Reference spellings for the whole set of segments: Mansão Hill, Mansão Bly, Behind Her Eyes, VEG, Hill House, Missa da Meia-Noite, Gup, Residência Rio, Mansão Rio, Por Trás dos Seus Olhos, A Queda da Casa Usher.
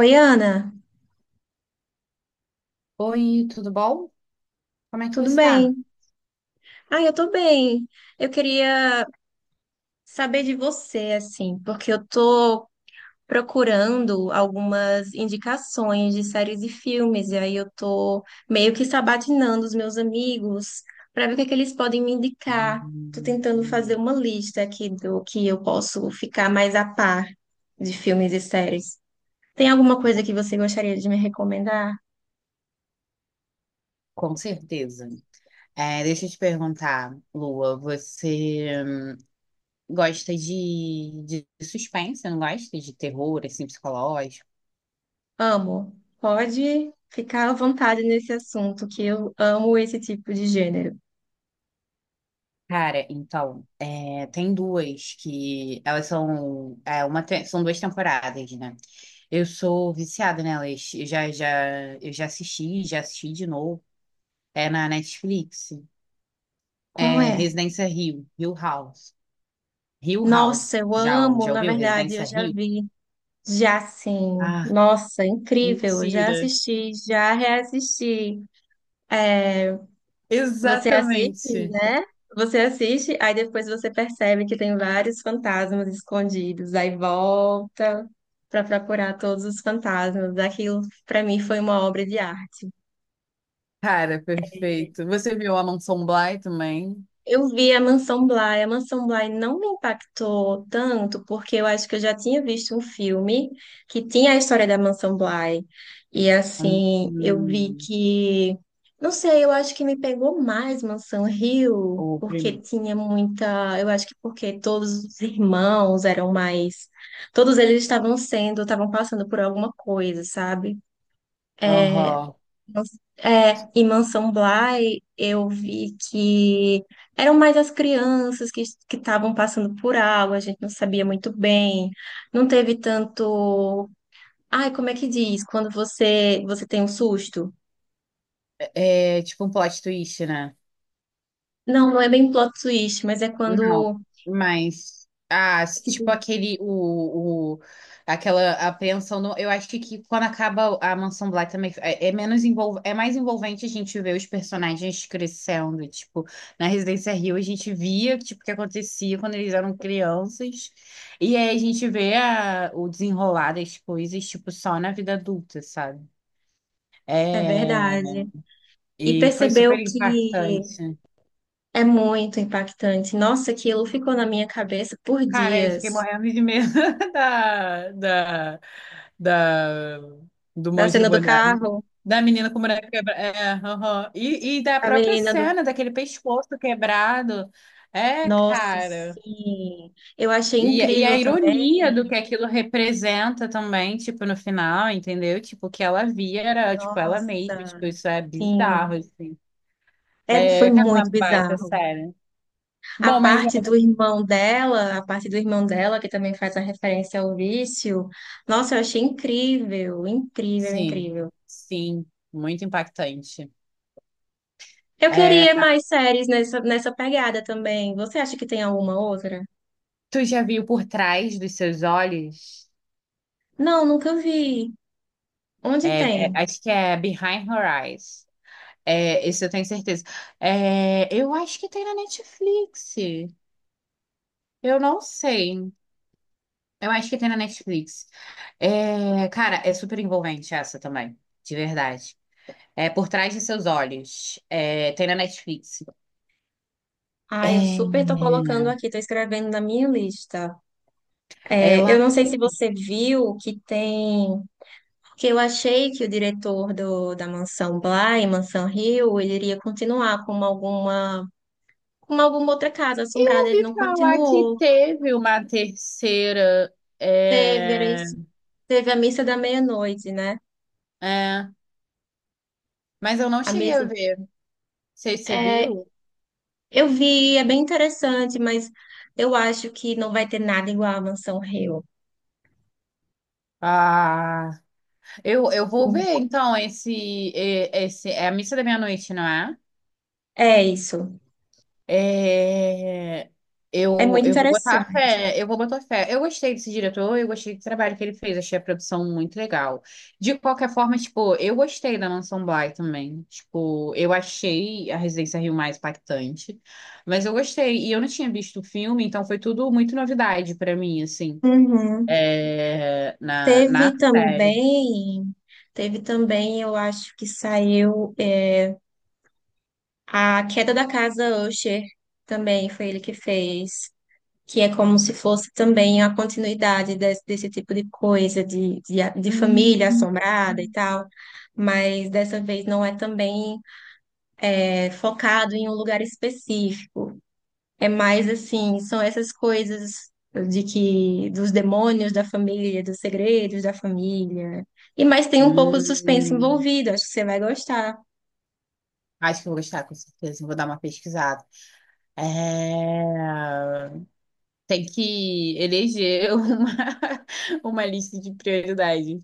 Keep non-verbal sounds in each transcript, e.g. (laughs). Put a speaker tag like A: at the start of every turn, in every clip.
A: Oi, Ana,
B: Oi, tudo bom? Como é que
A: tudo
B: você está?
A: bem? Ah, eu tô bem. Eu queria saber de você, assim, porque eu tô procurando algumas indicações de séries e filmes, e aí eu tô meio que sabatinando os meus amigos para ver o que é que eles podem me indicar. Tô
B: Hum.
A: tentando fazer uma lista aqui do que eu posso ficar mais a par de filmes e séries. Tem alguma coisa que você gostaria de me recomendar?
B: Com certeza. Deixa eu te perguntar, Lua, você gosta de suspense, não gosta de terror, assim, psicológico?
A: Amo. Pode ficar à vontade nesse assunto, que eu amo esse tipo de gênero.
B: Cara, então, tem duas que elas são, uma, são duas temporadas, né? Eu sou viciada nelas. Eu já assisti de novo. É na Netflix.
A: Qual
B: É
A: é?
B: Residência Rio, Hill House. Hill
A: Nossa,
B: House.
A: eu amo,
B: Já
A: na
B: ouviu?
A: verdade,
B: Residência
A: eu já
B: Hill.
A: vi, já sim.
B: Ah,
A: Nossa, incrível, já
B: mentira.
A: assisti, já reassisti. É, você assiste,
B: Exatamente.
A: né? Você assiste, aí depois você percebe que tem vários fantasmas escondidos, aí volta para procurar todos os fantasmas. Aquilo, para mim, foi uma obra de arte.
B: Cara, perfeito. Você viu a Mansão Bly também?
A: Eu vi a Mansão Bly. A Mansão Bly não me impactou tanto, porque eu acho que eu já tinha visto um filme que tinha a história da Mansão Bly. E assim, eu vi
B: Hum,
A: que. Não sei, eu acho que me pegou mais Mansão Rio,
B: o
A: porque
B: primeiro.
A: tinha muita. Eu acho que porque todos os irmãos eram mais. Todos eles estavam sendo, estavam passando por alguma coisa, sabe? É,
B: Aham.
A: é, em Mansão Bly, eu vi que eram mais as crianças que estavam passando por algo, a gente não sabia muito bem, não teve tanto. Ai, como é que diz? Quando você tem um susto?
B: É tipo um plot twist, né?
A: Não, não é bem plot twist, mas é
B: Não,
A: quando.
B: mas ah,
A: Tipo,
B: tipo aquele o aquela apreensão no, eu acho que quando acaba a Mansão Bly também é é mais envolvente a gente ver os personagens crescendo, tipo, na Residência Rio a gente via tipo o que acontecia quando eles eram crianças e aí a gente vê o desenrolar das coisas tipo só na vida adulta, sabe?
A: é
B: É,
A: verdade. E
B: e foi super
A: percebeu que
B: impactante.
A: é muito impactante. Nossa, aquilo ficou na minha cabeça por
B: Cara, eu fiquei
A: dias.
B: morrendo de medo (laughs) da, da, da, do
A: Da
B: monstro
A: cena do
B: boneco.
A: carro,
B: Da menina com o boneco quebrado. É, aham. E da
A: a
B: própria
A: menina do...
B: cena, daquele pescoço quebrado. É,
A: Nossa,
B: cara.
A: sim. Eu achei
B: E a
A: incrível também.
B: ironia do que aquilo representa também, tipo, no final, entendeu? Tipo, o que ela via era, tipo, ela mesma.
A: Nossa,
B: Tipo, isso é bizarro,
A: sim.
B: assim.
A: É, foi
B: É, cara, uma
A: muito
B: baita
A: bizarro.
B: série.
A: A
B: Bom, mas...
A: parte do irmão dela, a parte do irmão dela, que também faz a referência ao vício. Nossa, eu achei incrível, incrível,
B: Sim,
A: incrível.
B: sim. Muito impactante.
A: Eu
B: É.
A: queria mais séries nessa, nessa pegada também. Você acha que tem alguma outra?
B: Tu já viu Por Trás dos Seus Olhos?
A: Não, nunca vi. Onde tem?
B: Acho que é Behind Her Eyes. É, esse eu tenho certeza. É, eu acho que tem na Netflix. Eu não sei. Eu acho que tem na Netflix. É, cara, é super envolvente essa também, de verdade. É Por Trás de Seus Olhos. É, tem na Netflix.
A: Ah, eu
B: É,
A: super tô colocando aqui, tô escrevendo na minha lista. É, eu
B: ela.
A: não sei se você viu que tem. Porque eu achei que o diretor do, da Mansão Bly, Mansão Hill, ele iria continuar com alguma outra casa
B: Eu
A: assombrada. Ele
B: ouvi
A: não
B: falar que
A: continuou.
B: teve uma terceira.
A: Teve, era
B: É,
A: isso, teve a missa da meia-noite, né?
B: é, mas eu não
A: A
B: cheguei
A: missa.
B: a ver. Sei se você
A: É,
B: viu.
A: eu vi, é bem interessante, mas eu acho que não vai ter nada igual a Mansão Hill.
B: Ah, eu vou
A: Hum.
B: ver então esse, esse é a missa da meia-noite, não é?
A: É isso.
B: É,
A: É muito
B: eu vou botar
A: interessante.
B: fé, eu vou botar fé. Eu gostei desse diretor, eu gostei do trabalho que ele fez, achei a produção muito legal. De qualquer forma, tipo, eu gostei da Mansão Bly também. Tipo, eu achei a Residência Rio mais impactante, mas eu gostei. E eu não tinha visto o filme, então foi tudo muito novidade pra mim, assim,
A: Uhum. Teve
B: na série.
A: também, teve também, eu acho que saiu. É, A Queda da Casa Usher também foi ele que fez, que é como se fosse também a continuidade desse tipo de coisa, de
B: Hum,
A: família assombrada e tal, mas dessa vez não é também é, focado em um lugar específico. É mais assim, são essas coisas de que dos demônios da família, dos segredos da família. E mas tem um pouco de suspense
B: hum.
A: envolvido, acho que você vai gostar.
B: Acho que eu vou gostar, com certeza. Vou dar uma pesquisada. É. Tem que eleger (laughs) uma lista de prioridades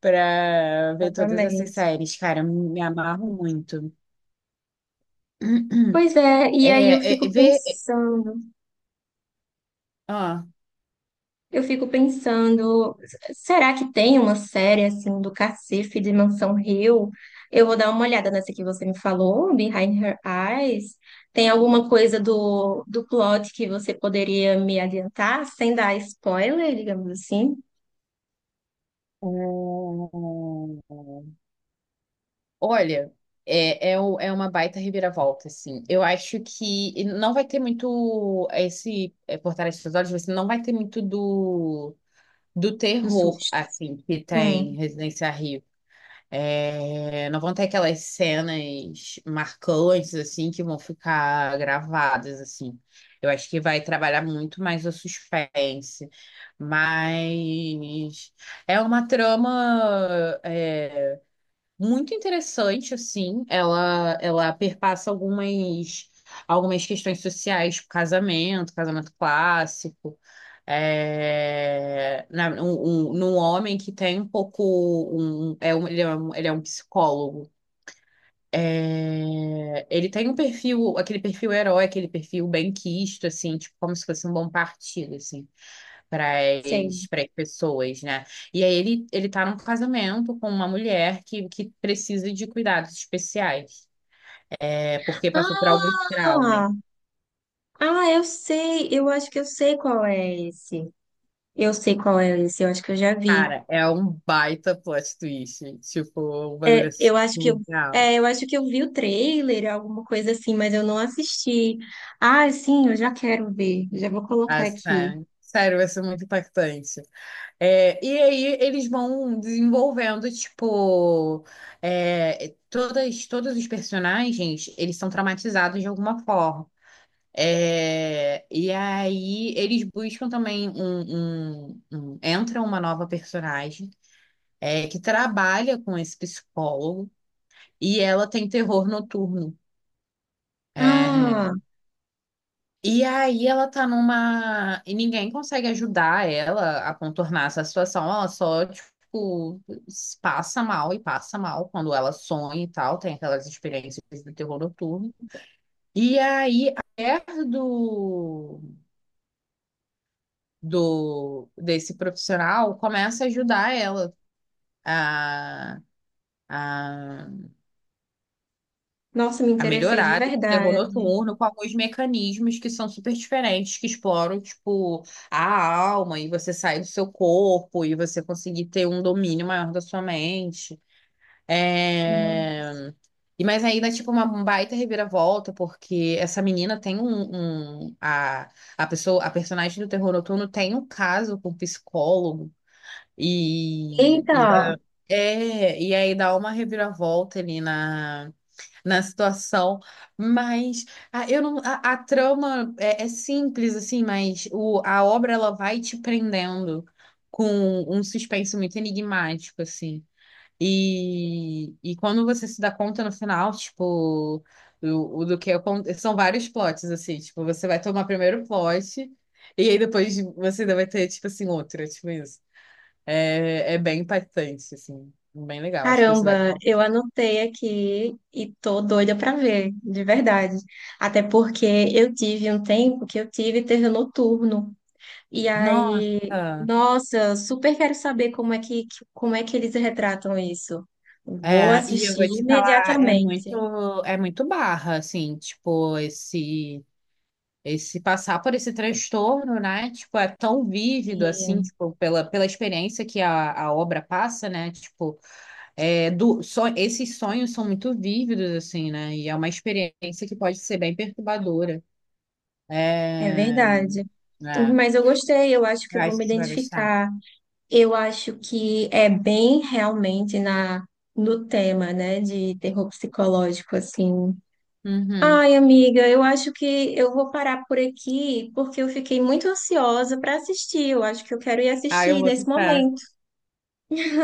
B: para ver todas essas
A: Exatamente.
B: séries, cara. Eu me amarro muito. (clears throat)
A: Pois é, e aí eu fico
B: Ver.
A: pensando.
B: Ah.
A: Eu fico pensando, será que tem uma série assim do cacife de Mansão Hill? Eu vou dar uma olhada nessa que você me falou, Behind Her Eyes. Tem alguma coisa do, do plot que você poderia me adiantar, sem dar spoiler, digamos assim,
B: Olha, é uma baita reviravolta, assim. Eu acho que não vai ter muito esse é, Por Trás dos Olhos, você não vai ter muito do
A: do
B: terror,
A: susto?
B: assim, que
A: Hum,
B: tem Residência Rio. É, não vão ter aquelas cenas marcantes, assim, que vão ficar gravadas, assim. Eu acho que vai trabalhar muito mais o suspense, mas é uma trama muito interessante, assim. Ela perpassa algumas questões sociais, tipo casamento, casamento clássico. Num homem que tem um pouco ele é um psicólogo. É, ele tem um perfil, aquele perfil herói, aquele perfil benquisto, assim, tipo, como se fosse um bom partido, assim para
A: sei.
B: as pessoas, né? E aí ele tá num casamento com uma mulher que precisa de cuidados especiais, é, porque passou por alguns traumas.
A: Ah, ah, eu sei, eu acho que eu sei qual é esse. Eu sei qual é esse, eu acho que eu já vi.
B: Cara, é um baita plot twist, tipo, um
A: É,
B: bagulho
A: eu acho que eu,
B: surreal,
A: é, eu acho que eu vi o trailer, alguma coisa assim, mas eu não assisti. Ah, sim, eu já quero ver. Já vou colocar aqui.
B: assim. Sério, vai ser muito impactante. É, e aí eles vão desenvolvendo, tipo, todos os personagens, eles são traumatizados de alguma forma. É, e aí eles buscam também entra uma nova personagem que trabalha com esse psicólogo e ela tem terror noturno.
A: Ah,
B: É, e aí ela tá numa e ninguém consegue ajudar ela a contornar essa situação. Ela só tipo passa mal e passa mal quando ela sonha e tal, tem aquelas experiências do terror noturno. E aí a mulher do desse profissional começa a ajudar ela a, a,
A: nossa, me
B: a
A: interessei de
B: melhorar o terror
A: verdade.
B: noturno com alguns mecanismos que são super diferentes, que exploram, tipo, a alma e você sair do seu corpo e você conseguir ter um domínio maior da sua mente. É... E mas aí dá tipo, uma um baita reviravolta, porque essa menina tem a pessoa, a personagem do Terror Noturno tem um caso com um psicólogo. E,
A: Eita,
B: e dá- e aí dá uma reviravolta ali na situação, mas a, eu não, a trama é simples, assim, mas a obra ela vai te prendendo com um suspense muito enigmático, assim. E quando você se dá conta no final, tipo, o do que acon- são vários plots, assim, tipo, você vai tomar primeiro plot, e aí depois você ainda vai ter, tipo assim, outra, tipo isso. É, é bem impactante, assim. Bem legal. Acho que você vai.
A: caramba, eu anotei aqui e tô doida pra ver, de verdade. Até porque eu tive um tempo que eu tive terror noturno. E aí,
B: Nossa.
A: nossa, super quero saber como é que eles retratam isso. Vou
B: É, e eu
A: assistir
B: vou te falar,
A: imediatamente.
B: é muito barra, assim, tipo, esse passar por esse transtorno, né? Tipo, é tão vívido, assim,
A: Sim,
B: tipo, pela experiência que a obra passa, né? Tipo, é, do, so, esses sonhos são muito vívidos, assim, né? E é uma experiência que pode ser bem perturbadora.
A: é
B: É,
A: verdade.
B: é,
A: Mas eu gostei, eu acho que
B: eu
A: eu vou
B: acho
A: me
B: que você vai gostar.
A: identificar. Eu acho que é bem realmente na no tema, né, de terror psicológico assim.
B: Uhum.
A: Ai, amiga, eu acho que eu vou parar por aqui porque eu fiquei muito ansiosa para assistir. Eu acho que eu quero ir
B: Ah, eu
A: assistir
B: vou
A: nesse
B: tentar.
A: momento.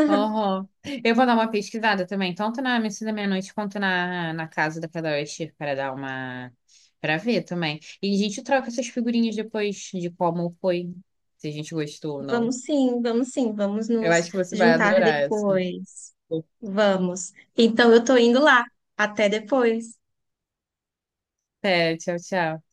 B: Uhum. Eu vou dar uma pesquisada também, tanto na Missa da Meia-Noite quanto na Casa da Cadastro, para dar uma. Para ver também. E a gente troca essas figurinhas depois de como foi, se a gente gostou ou não.
A: Vamos sim, vamos sim, vamos
B: Eu
A: nos
B: acho que você vai
A: juntar
B: adorar essa.
A: depois. Vamos. Então eu tô indo lá. Até depois.
B: É, tchau, tchau.